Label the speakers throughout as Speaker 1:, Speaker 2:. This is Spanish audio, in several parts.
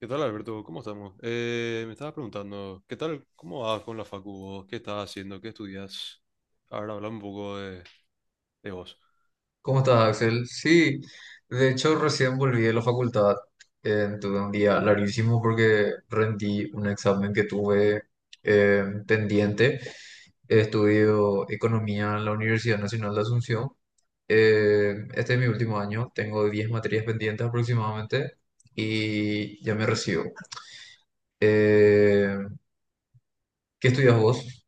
Speaker 1: ¿Qué tal, Alberto? ¿Cómo estamos? Me estaba preguntando, ¿qué tal? ¿Cómo vas con la facu vos? ¿Qué estás haciendo? ¿Qué estudias? Ahora hablamos un poco de vos.
Speaker 2: ¿Cómo estás, Axel? Sí, de hecho recién volví de la facultad. Tuve un día larguísimo porque rendí un examen que tuve pendiente. Estudio economía en la Universidad Nacional de Asunción. Este es mi último año, tengo 10 materias pendientes aproximadamente y ya me recibo. Eh, ¿Qué estudias vos?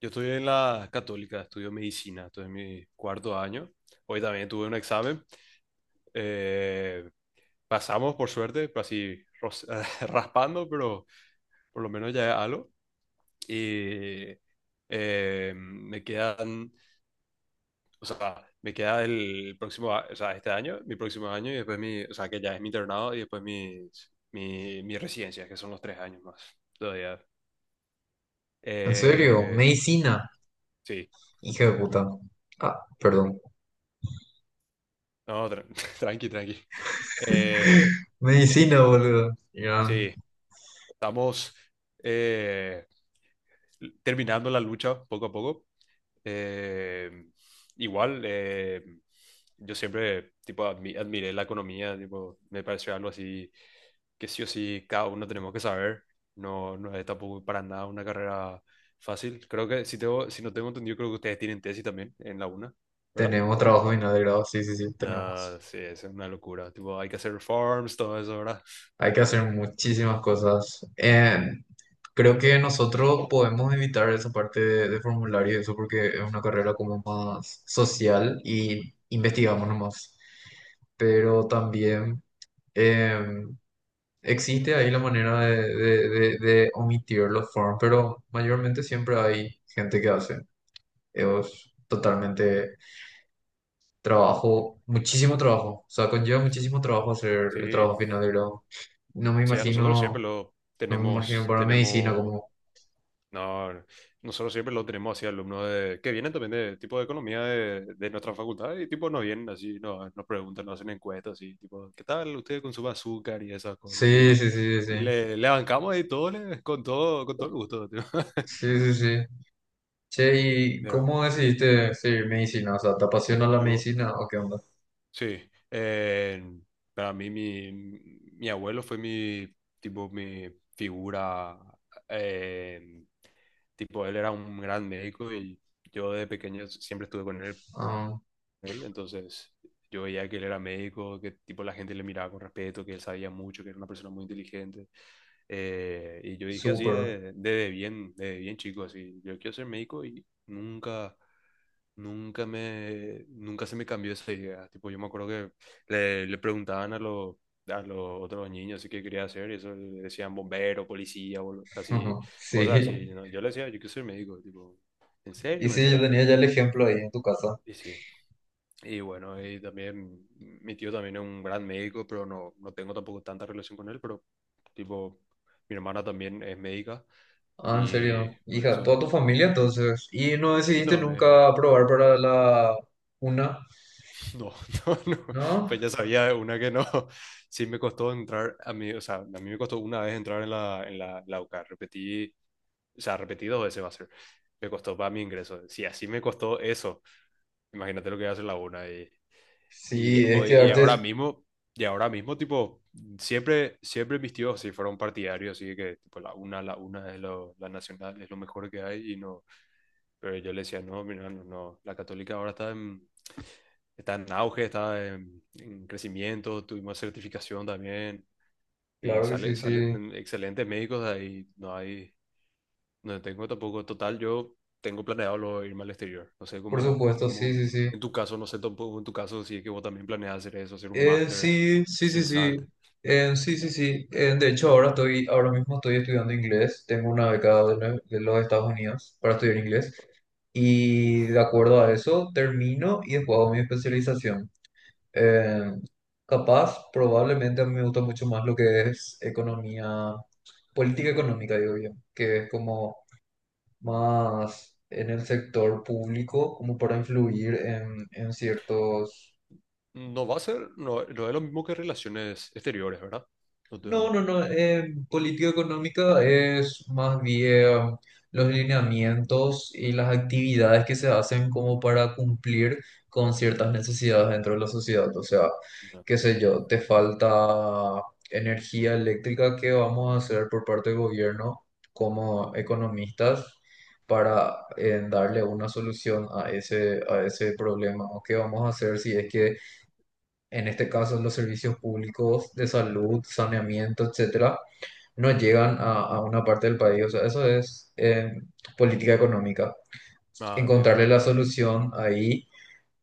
Speaker 1: Yo estoy en la Católica, estudio medicina, estoy en mi cuarto año. Hoy también tuve un examen. Eh, Pasamos, por suerte, pero así raspando, pero por lo menos ya es algo. Y Me quedan, o sea, me queda el próximo, o sea, este año, mi próximo año y después o sea, que ya es mi internado y después mi residencia, que son los tres años más todavía.
Speaker 2: ¿En serio?
Speaker 1: Eh,
Speaker 2: Medicina,
Speaker 1: sí,
Speaker 2: hija de puta. Ah, perdón.
Speaker 1: no, tranqui, tranqui. Eh,
Speaker 2: Medicina, boludo. Ya,
Speaker 1: sí, estamos eh, terminando la lucha poco a poco. Eh, igual, yo siempre tipo, admiré la economía, tipo, me pareció algo así que sí o sí cada uno tenemos que saber. No, no es tampoco para nada una carrera fácil. Creo que, si, tengo, si no tengo entendido, creo que ustedes tienen tesis también en la UNA, ¿verdad?
Speaker 2: tenemos trabajo final de grado, sí, sí, sí,
Speaker 1: Ah,
Speaker 2: tenemos.
Speaker 1: sí, es una locura. Tipo, hay que hacer reforms, todo eso, ¿verdad?
Speaker 2: Hay que hacer muchísimas cosas. Creo que nosotros podemos evitar esa parte de formulario y eso porque es una carrera como más social y investigamos nomás. Pero también eh, existe ahí la manera de omitir los forms, pero mayormente siempre hay gente que hace. Es totalmente trabajo, muchísimo trabajo. O sea, conlleva muchísimo trabajo hacer el
Speaker 1: Sí,
Speaker 2: trabajo final de grado. No me
Speaker 1: sí, a nosotros siempre
Speaker 2: imagino,
Speaker 1: lo
Speaker 2: no me imagino
Speaker 1: tenemos,
Speaker 2: para medicina
Speaker 1: tenemos.
Speaker 2: como...
Speaker 1: No, no. Nosotros siempre lo tenemos así, alumnos de, que vienen también de tipo de economía de nuestra facultad y tipo nos vienen así, no nos preguntan, nos hacen encuestas así, tipo, ¿qué tal usted con su azúcar y esas cosas?
Speaker 2: Sí,
Speaker 1: ¿Tipo?
Speaker 2: sí, sí,
Speaker 1: Y
Speaker 2: sí.
Speaker 1: le bancamos y todo, con todo, con todo el gusto. Tipo.
Speaker 2: Sí, sí, sí. Sí. Che, ¿y
Speaker 1: Pero
Speaker 2: cómo decidiste seguir medicina? O sea, ¿te apasiona la
Speaker 1: yo,
Speaker 2: medicina o qué onda?
Speaker 1: sí, para mí mi, mi abuelo fue mi, tipo, mi figura, eh, tipo, él era un gran médico y yo de pequeño siempre estuve con él.
Speaker 2: Ah,
Speaker 1: Él, entonces yo veía que él era médico, que tipo la gente le miraba con respeto, que él sabía mucho, que era una persona muy inteligente. Y yo dije así
Speaker 2: súper.
Speaker 1: de bien chico, así, yo quiero ser médico y nunca, nunca me, nunca se me cambió esa idea. Tipo, yo me acuerdo que le preguntaban a los otros niños así qué quería hacer y eso le decían bombero, policía, así,
Speaker 2: Ujú.
Speaker 1: cosas así,
Speaker 2: Sí.
Speaker 1: ¿no? Yo le decía, yo quiero ser médico, tipo, ¿en
Speaker 2: Y
Speaker 1: serio? Me
Speaker 2: sí, yo
Speaker 1: decían,
Speaker 2: tenía ya el ejemplo ahí en tu casa.
Speaker 1: y sí, y bueno, y también mi tío también es un gran médico, pero no, no tengo tampoco tanta relación con él, pero tipo, mi hermana también es médica
Speaker 2: Ah, en
Speaker 1: y
Speaker 2: serio.
Speaker 1: por
Speaker 2: Hija,
Speaker 1: eso...
Speaker 2: toda tu familia entonces. ¿Y no
Speaker 1: Y
Speaker 2: decidiste
Speaker 1: no, me,
Speaker 2: nunca probar para la una?
Speaker 1: no, no, no,
Speaker 2: ¿No?
Speaker 1: pues ya sabía una que no. Sí me costó entrar, a mí, o sea, a mí me costó una vez entrar en la, en la, en la UCA, repetí, o sea, repetí dos veces va a ser, me costó para mi ingreso, si así me costó eso, imagínate lo que va a hacer la una. Y y
Speaker 2: Sí, es
Speaker 1: hoy,
Speaker 2: que arte.
Speaker 1: y ahora mismo, tipo, siempre, siempre mis tíos sí fueron partidarios, así que tipo la una es lo, la nacional, es lo mejor que hay, y no, pero yo le decía, no, mira, no, no, la católica ahora está en, está en auge, está en crecimiento, tuvimos certificación también, y
Speaker 2: Claro que sí,
Speaker 1: sale,
Speaker 2: sí,
Speaker 1: salen excelentes médicos de ahí, no hay, no tengo tampoco. Total, yo tengo planeado irme al exterior. No sé
Speaker 2: por
Speaker 1: cómo,
Speaker 2: supuesto, sí,
Speaker 1: cómo,
Speaker 2: sí, sí.
Speaker 1: en tu caso, no sé tampoco en tu caso si es que vos también planeas hacer eso, hacer un máster,
Speaker 2: Sí, sí, sí, sí.
Speaker 1: especializarte.
Speaker 2: Sí, sí, sí. De hecho, ahora estoy, ahora mismo estoy estudiando inglés. Tengo una beca de, de los Estados Unidos para estudiar inglés. Y de
Speaker 1: Uf, qué
Speaker 2: acuerdo
Speaker 1: bueno.
Speaker 2: a eso, termino y después hago mi especialización. Eh, Capaz, probablemente a mí me gusta mucho más lo que es economía, política económica, digo yo, que es como más en el sector público como para influir en ciertos.
Speaker 1: No va a ser, no, no es lo mismo que relaciones exteriores, ¿verdad? No te-
Speaker 2: No, no, no. Política económica es más bien los lineamientos y las actividades que se hacen como para cumplir con ciertas necesidades dentro de la sociedad. O sea,
Speaker 1: no.
Speaker 2: qué sé yo, te falta energía eléctrica, ¿qué vamos a hacer por parte del gobierno como economistas para darle una solución a ese problema? ¿O qué vamos a hacer si es que en este caso los servicios públicos de salud, saneamiento, etcétera, no llegan a una parte del país? O sea, eso es política económica.
Speaker 1: Ah, entiendo,
Speaker 2: Encontrarle
Speaker 1: sí. O
Speaker 2: la solución ahí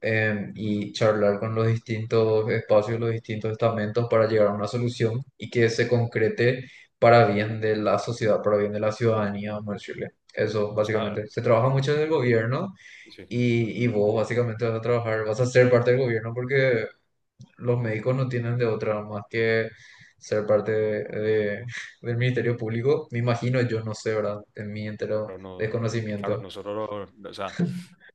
Speaker 2: y charlar con los distintos espacios, los distintos estamentos para llegar a una solución y que se concrete para bien de la sociedad, para bien de la ciudadanía, vamos a decirle. Eso,
Speaker 1: sea,
Speaker 2: básicamente. Se trabaja mucho desde el gobierno
Speaker 1: sí.
Speaker 2: y vos básicamente vas a trabajar, vas a ser parte del gobierno porque los médicos no tienen de otra más que ser parte del Ministerio Público. Me imagino, yo no sé, ¿verdad? En mi entero
Speaker 1: Pero no, claro,
Speaker 2: desconocimiento.
Speaker 1: nosotros, o sea,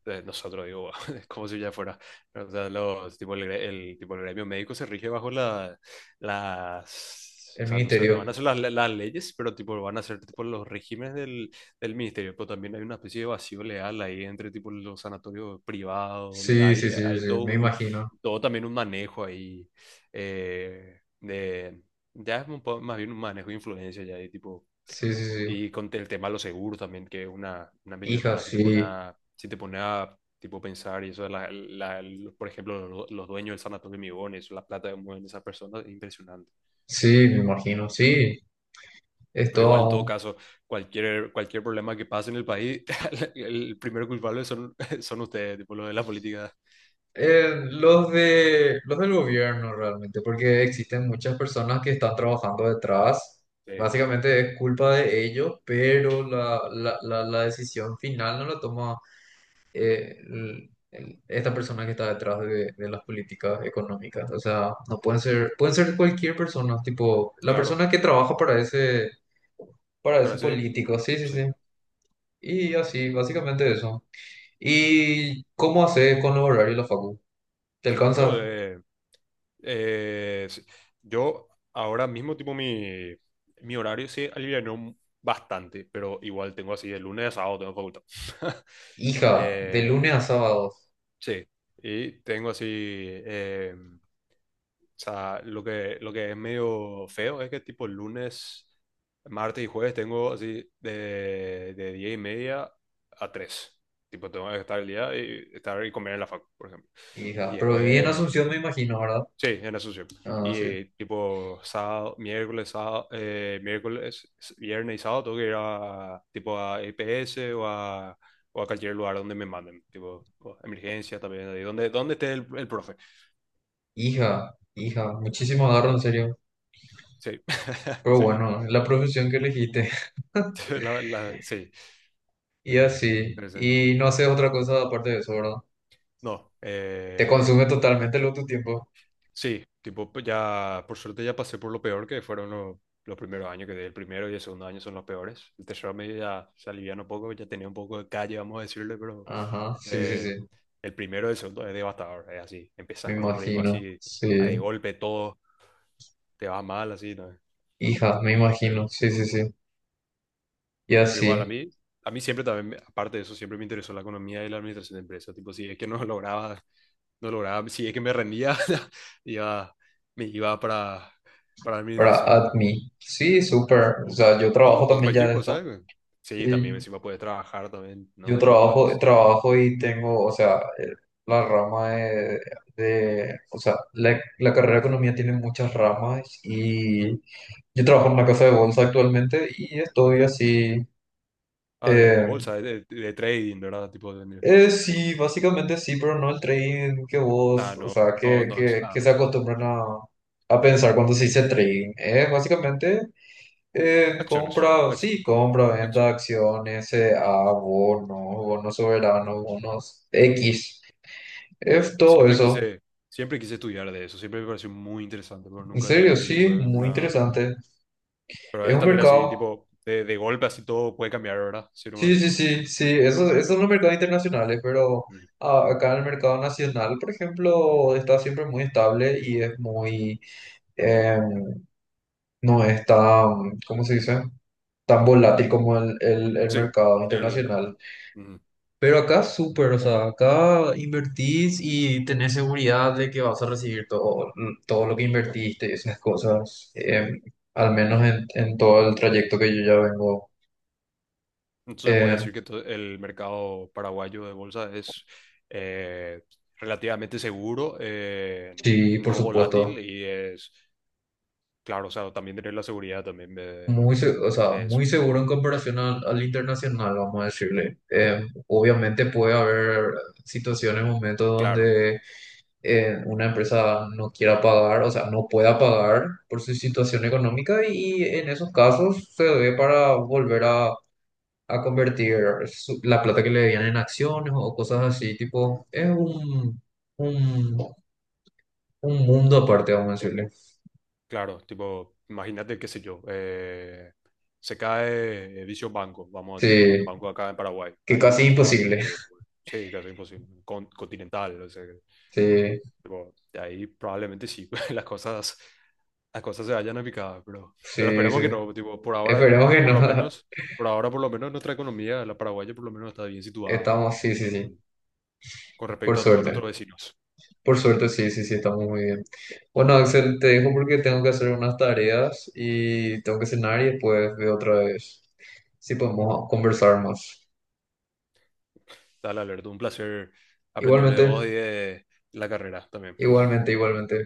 Speaker 1: nosotros digo, es como si ya fuera, o sea, los, tipo, el, tipo, el gremio médico se rige bajo la, las,
Speaker 2: El
Speaker 1: o sea, no sé, no
Speaker 2: Ministerio.
Speaker 1: van a ser las leyes, pero tipo van a ser tipo los regímenes del, del ministerio, pero también hay una especie de vacío legal ahí entre tipo los sanatorios privados, donde
Speaker 2: Sí, sí,
Speaker 1: hay,
Speaker 2: sí,
Speaker 1: hay
Speaker 2: sí,
Speaker 1: todo
Speaker 2: me
Speaker 1: un,
Speaker 2: imagino.
Speaker 1: todo también un manejo ahí, de, ya es un más bien un manejo de influencia ya, y tipo
Speaker 2: Sí, sí, sí.
Speaker 1: y con el tema de los seguros también, que es una
Speaker 2: Hija,
Speaker 1: millonada, si te pone
Speaker 2: sí.
Speaker 1: a, si te pone a tipo pensar y eso, de la, por ejemplo, los dueños del sanatorio Migón, eso, la plata que mueven esas personas, es impresionante.
Speaker 2: Sí, me imagino, sí. Es
Speaker 1: Pero igual, en todo
Speaker 2: todo.
Speaker 1: caso, cualquier, cualquier problema que pase en el país, el primer culpable son, son ustedes, tipo, lo de la política.
Speaker 2: Los de, los del gobierno realmente, porque existen muchas personas que están trabajando detrás.
Speaker 1: Sí,
Speaker 2: Básicamente es culpa de ellos, pero la decisión final no la toma esta persona que está detrás de las políticas económicas. O sea, no pueden ser, pueden ser cualquier persona, tipo la
Speaker 1: claro,
Speaker 2: persona que trabaja para
Speaker 1: pero
Speaker 2: ese
Speaker 1: eso,
Speaker 2: político. Sí, sí,
Speaker 1: sí.
Speaker 2: sí. Y así, básicamente eso. ¿Y cómo haces con los horarios de la facu? ¿Te
Speaker 1: No,
Speaker 2: alcanza?
Speaker 1: eh, sí. Yo ahora mismo, tipo, mi horario se alivianó bastante, pero igual tengo así de lunes a sábado tengo facultad.
Speaker 2: Hija, de
Speaker 1: Eh,
Speaker 2: lunes a sábados.
Speaker 1: sí, y tengo así, o sea, lo que es medio feo es que tipo lunes, martes y jueves tengo así de 10 y media a 3. Tipo, tengo que estar el día y estar y comer en la facu, por ejemplo. Y
Speaker 2: Hija, pero viví en
Speaker 1: después
Speaker 2: Asunción, me imagino, ¿verdad?
Speaker 1: sí, en eso sí.
Speaker 2: Ah, sí.
Speaker 1: Y tipo sábado, miércoles, viernes y sábado tengo que ir a tipo a EPS o a cualquier lugar donde me manden, tipo o emergencia también, ahí donde, donde esté el profe.
Speaker 2: Hija, hija, muchísimo agarro, en serio.
Speaker 1: Sí,
Speaker 2: Pero
Speaker 1: sí,
Speaker 2: bueno, es la profesión que elegiste.
Speaker 1: la, sí,
Speaker 2: Y así.
Speaker 1: pero sí.
Speaker 2: Y no haces otra cosa aparte de eso, ¿verdad?
Speaker 1: No,
Speaker 2: Te consume totalmente lo tu tiempo.
Speaker 1: sí, tipo pues ya, por suerte ya pasé por lo peor que fueron los primeros años, que el primero y el segundo año son los peores. El tercero medio ya se alivian un poco, ya tenía un poco de calle, vamos a decirle, pero
Speaker 2: Ajá, sí, sí,
Speaker 1: Eh,
Speaker 2: sí.
Speaker 1: el primero y el segundo es devastador, es así.
Speaker 2: Me
Speaker 1: Empiezas con un ritmo
Speaker 2: imagino.
Speaker 1: así, a
Speaker 2: Sí.
Speaker 1: de golpe todo te va mal, así, ¿no?
Speaker 2: Hija, me
Speaker 1: Pero,
Speaker 2: imagino. Sí, sí, sí. Y
Speaker 1: pero igual
Speaker 2: así.
Speaker 1: a mí siempre también, aparte de eso, siempre me interesó la economía y la administración de empresas. Tipo, si es que no lograba, no lograba, si es que me rendía, iba, me iba para
Speaker 2: Para
Speaker 1: administración o,
Speaker 2: Admi. Sí, súper. O
Speaker 1: o con-
Speaker 2: sea, yo trabajo
Speaker 1: no, con
Speaker 2: también ya
Speaker 1: cualquier
Speaker 2: de
Speaker 1: cosa,
Speaker 2: esto.
Speaker 1: ¿eh? Sí,
Speaker 2: Sí.
Speaker 1: también encima puedes trabajar también, no
Speaker 2: Yo
Speaker 1: de lujo,
Speaker 2: trabajo,
Speaker 1: es...
Speaker 2: trabajo y tengo, o sea, la rama de, o sea, la carrera de economía tiene muchas ramas y yo trabajo en una casa de bolsa actualmente y estoy así,
Speaker 1: Ah, de
Speaker 2: eh,
Speaker 1: bolsa, de, de trading, ¿verdad? Tipo, de,
Speaker 2: sí, básicamente sí, pero no el trading que
Speaker 1: ah,
Speaker 2: vos, o
Speaker 1: no,
Speaker 2: sea,
Speaker 1: no,
Speaker 2: que,
Speaker 1: no,
Speaker 2: que,
Speaker 1: ah,
Speaker 2: que se acostumbran a pensar cuando se dice trading. Es básicamente
Speaker 1: acciones,
Speaker 2: compra, sí, compra, venta
Speaker 1: acción.
Speaker 2: de acciones, a bonos, bonos soberanos, bonos X. Es todo
Speaker 1: Siempre
Speaker 2: eso.
Speaker 1: quise, siempre quise estudiar de eso, siempre me pareció muy interesante, pero
Speaker 2: En
Speaker 1: nunca
Speaker 2: serio,
Speaker 1: nomás así
Speaker 2: sí,
Speaker 1: tuve
Speaker 2: muy
Speaker 1: una...
Speaker 2: interesante.
Speaker 1: Pero
Speaker 2: Es
Speaker 1: es
Speaker 2: un
Speaker 1: también así,
Speaker 2: mercado.
Speaker 1: tipo, de golpe así todo puede cambiar, ¿verdad? Sí,
Speaker 2: Sí,
Speaker 1: no
Speaker 2: sí, sí, sí. Esos, esos son los mercados internacionales, pero
Speaker 1: mm.
Speaker 2: ah, acá en el mercado nacional, por ejemplo, está siempre muy estable y es muy. eh, no es tan, ¿cómo se dice? Tan volátil como el
Speaker 1: Sí,
Speaker 2: mercado
Speaker 1: el...
Speaker 2: internacional.
Speaker 1: mm.
Speaker 2: Pero acá súper, o sea, acá invertís y tenés seguridad de que vas a recibir todo, mm, todo lo que invertiste y esas cosas, al menos en todo el trayecto que yo ya vengo.
Speaker 1: Entonces puedes
Speaker 2: Eh,
Speaker 1: decir que el mercado paraguayo de bolsa es eh, relativamente seguro,
Speaker 2: sí, por
Speaker 1: no volátil
Speaker 2: supuesto,
Speaker 1: y es, claro, o sea, también tener la seguridad también
Speaker 2: muy, o sea,
Speaker 1: de eso,
Speaker 2: muy seguro en comparación al internacional, vamos a decirle. Obviamente puede haber situaciones, momentos
Speaker 1: claro.
Speaker 2: donde una empresa no quiera pagar, o sea, no pueda pagar por su situación económica y en esos casos se debe para volver a convertir la plata que le debían en acciones o cosas así, tipo, es un, un, un, mundo aparte, vamos a decirle.
Speaker 1: Claro, tipo, imagínate, qué sé yo, se cae dicho banco, vamos a decirle, un
Speaker 2: Sí,
Speaker 1: banco acá en Paraguay,
Speaker 2: que
Speaker 1: ahí
Speaker 2: casi imposible.
Speaker 1: probablemente, ocurre. Sí, casi imposible, continental, o sea,
Speaker 2: Sí,
Speaker 1: tipo, de ahí probablemente sí, las cosas se vayan a picar, pero
Speaker 2: sí, sí.
Speaker 1: esperemos que no, tipo, por ahora,
Speaker 2: Esperemos que
Speaker 1: por lo
Speaker 2: no.
Speaker 1: menos, por ahora, por lo menos nuestra economía, la paraguaya, por lo menos está bien situada
Speaker 2: Estamos, sí, sí, sí,
Speaker 1: en, con
Speaker 2: por
Speaker 1: respecto a todos
Speaker 2: suerte.
Speaker 1: nuestros vecinos.
Speaker 2: Por suerte, sí, sí, sí, estamos muy bien. Bueno, Axel, te dejo porque tengo que hacer unas tareas y tengo que cenar y después veo otra vez si podemos conversar más.
Speaker 1: Dale, Alberto, un placer aprender de
Speaker 2: Igualmente,
Speaker 1: vos y de la carrera también.
Speaker 2: igualmente, igualmente.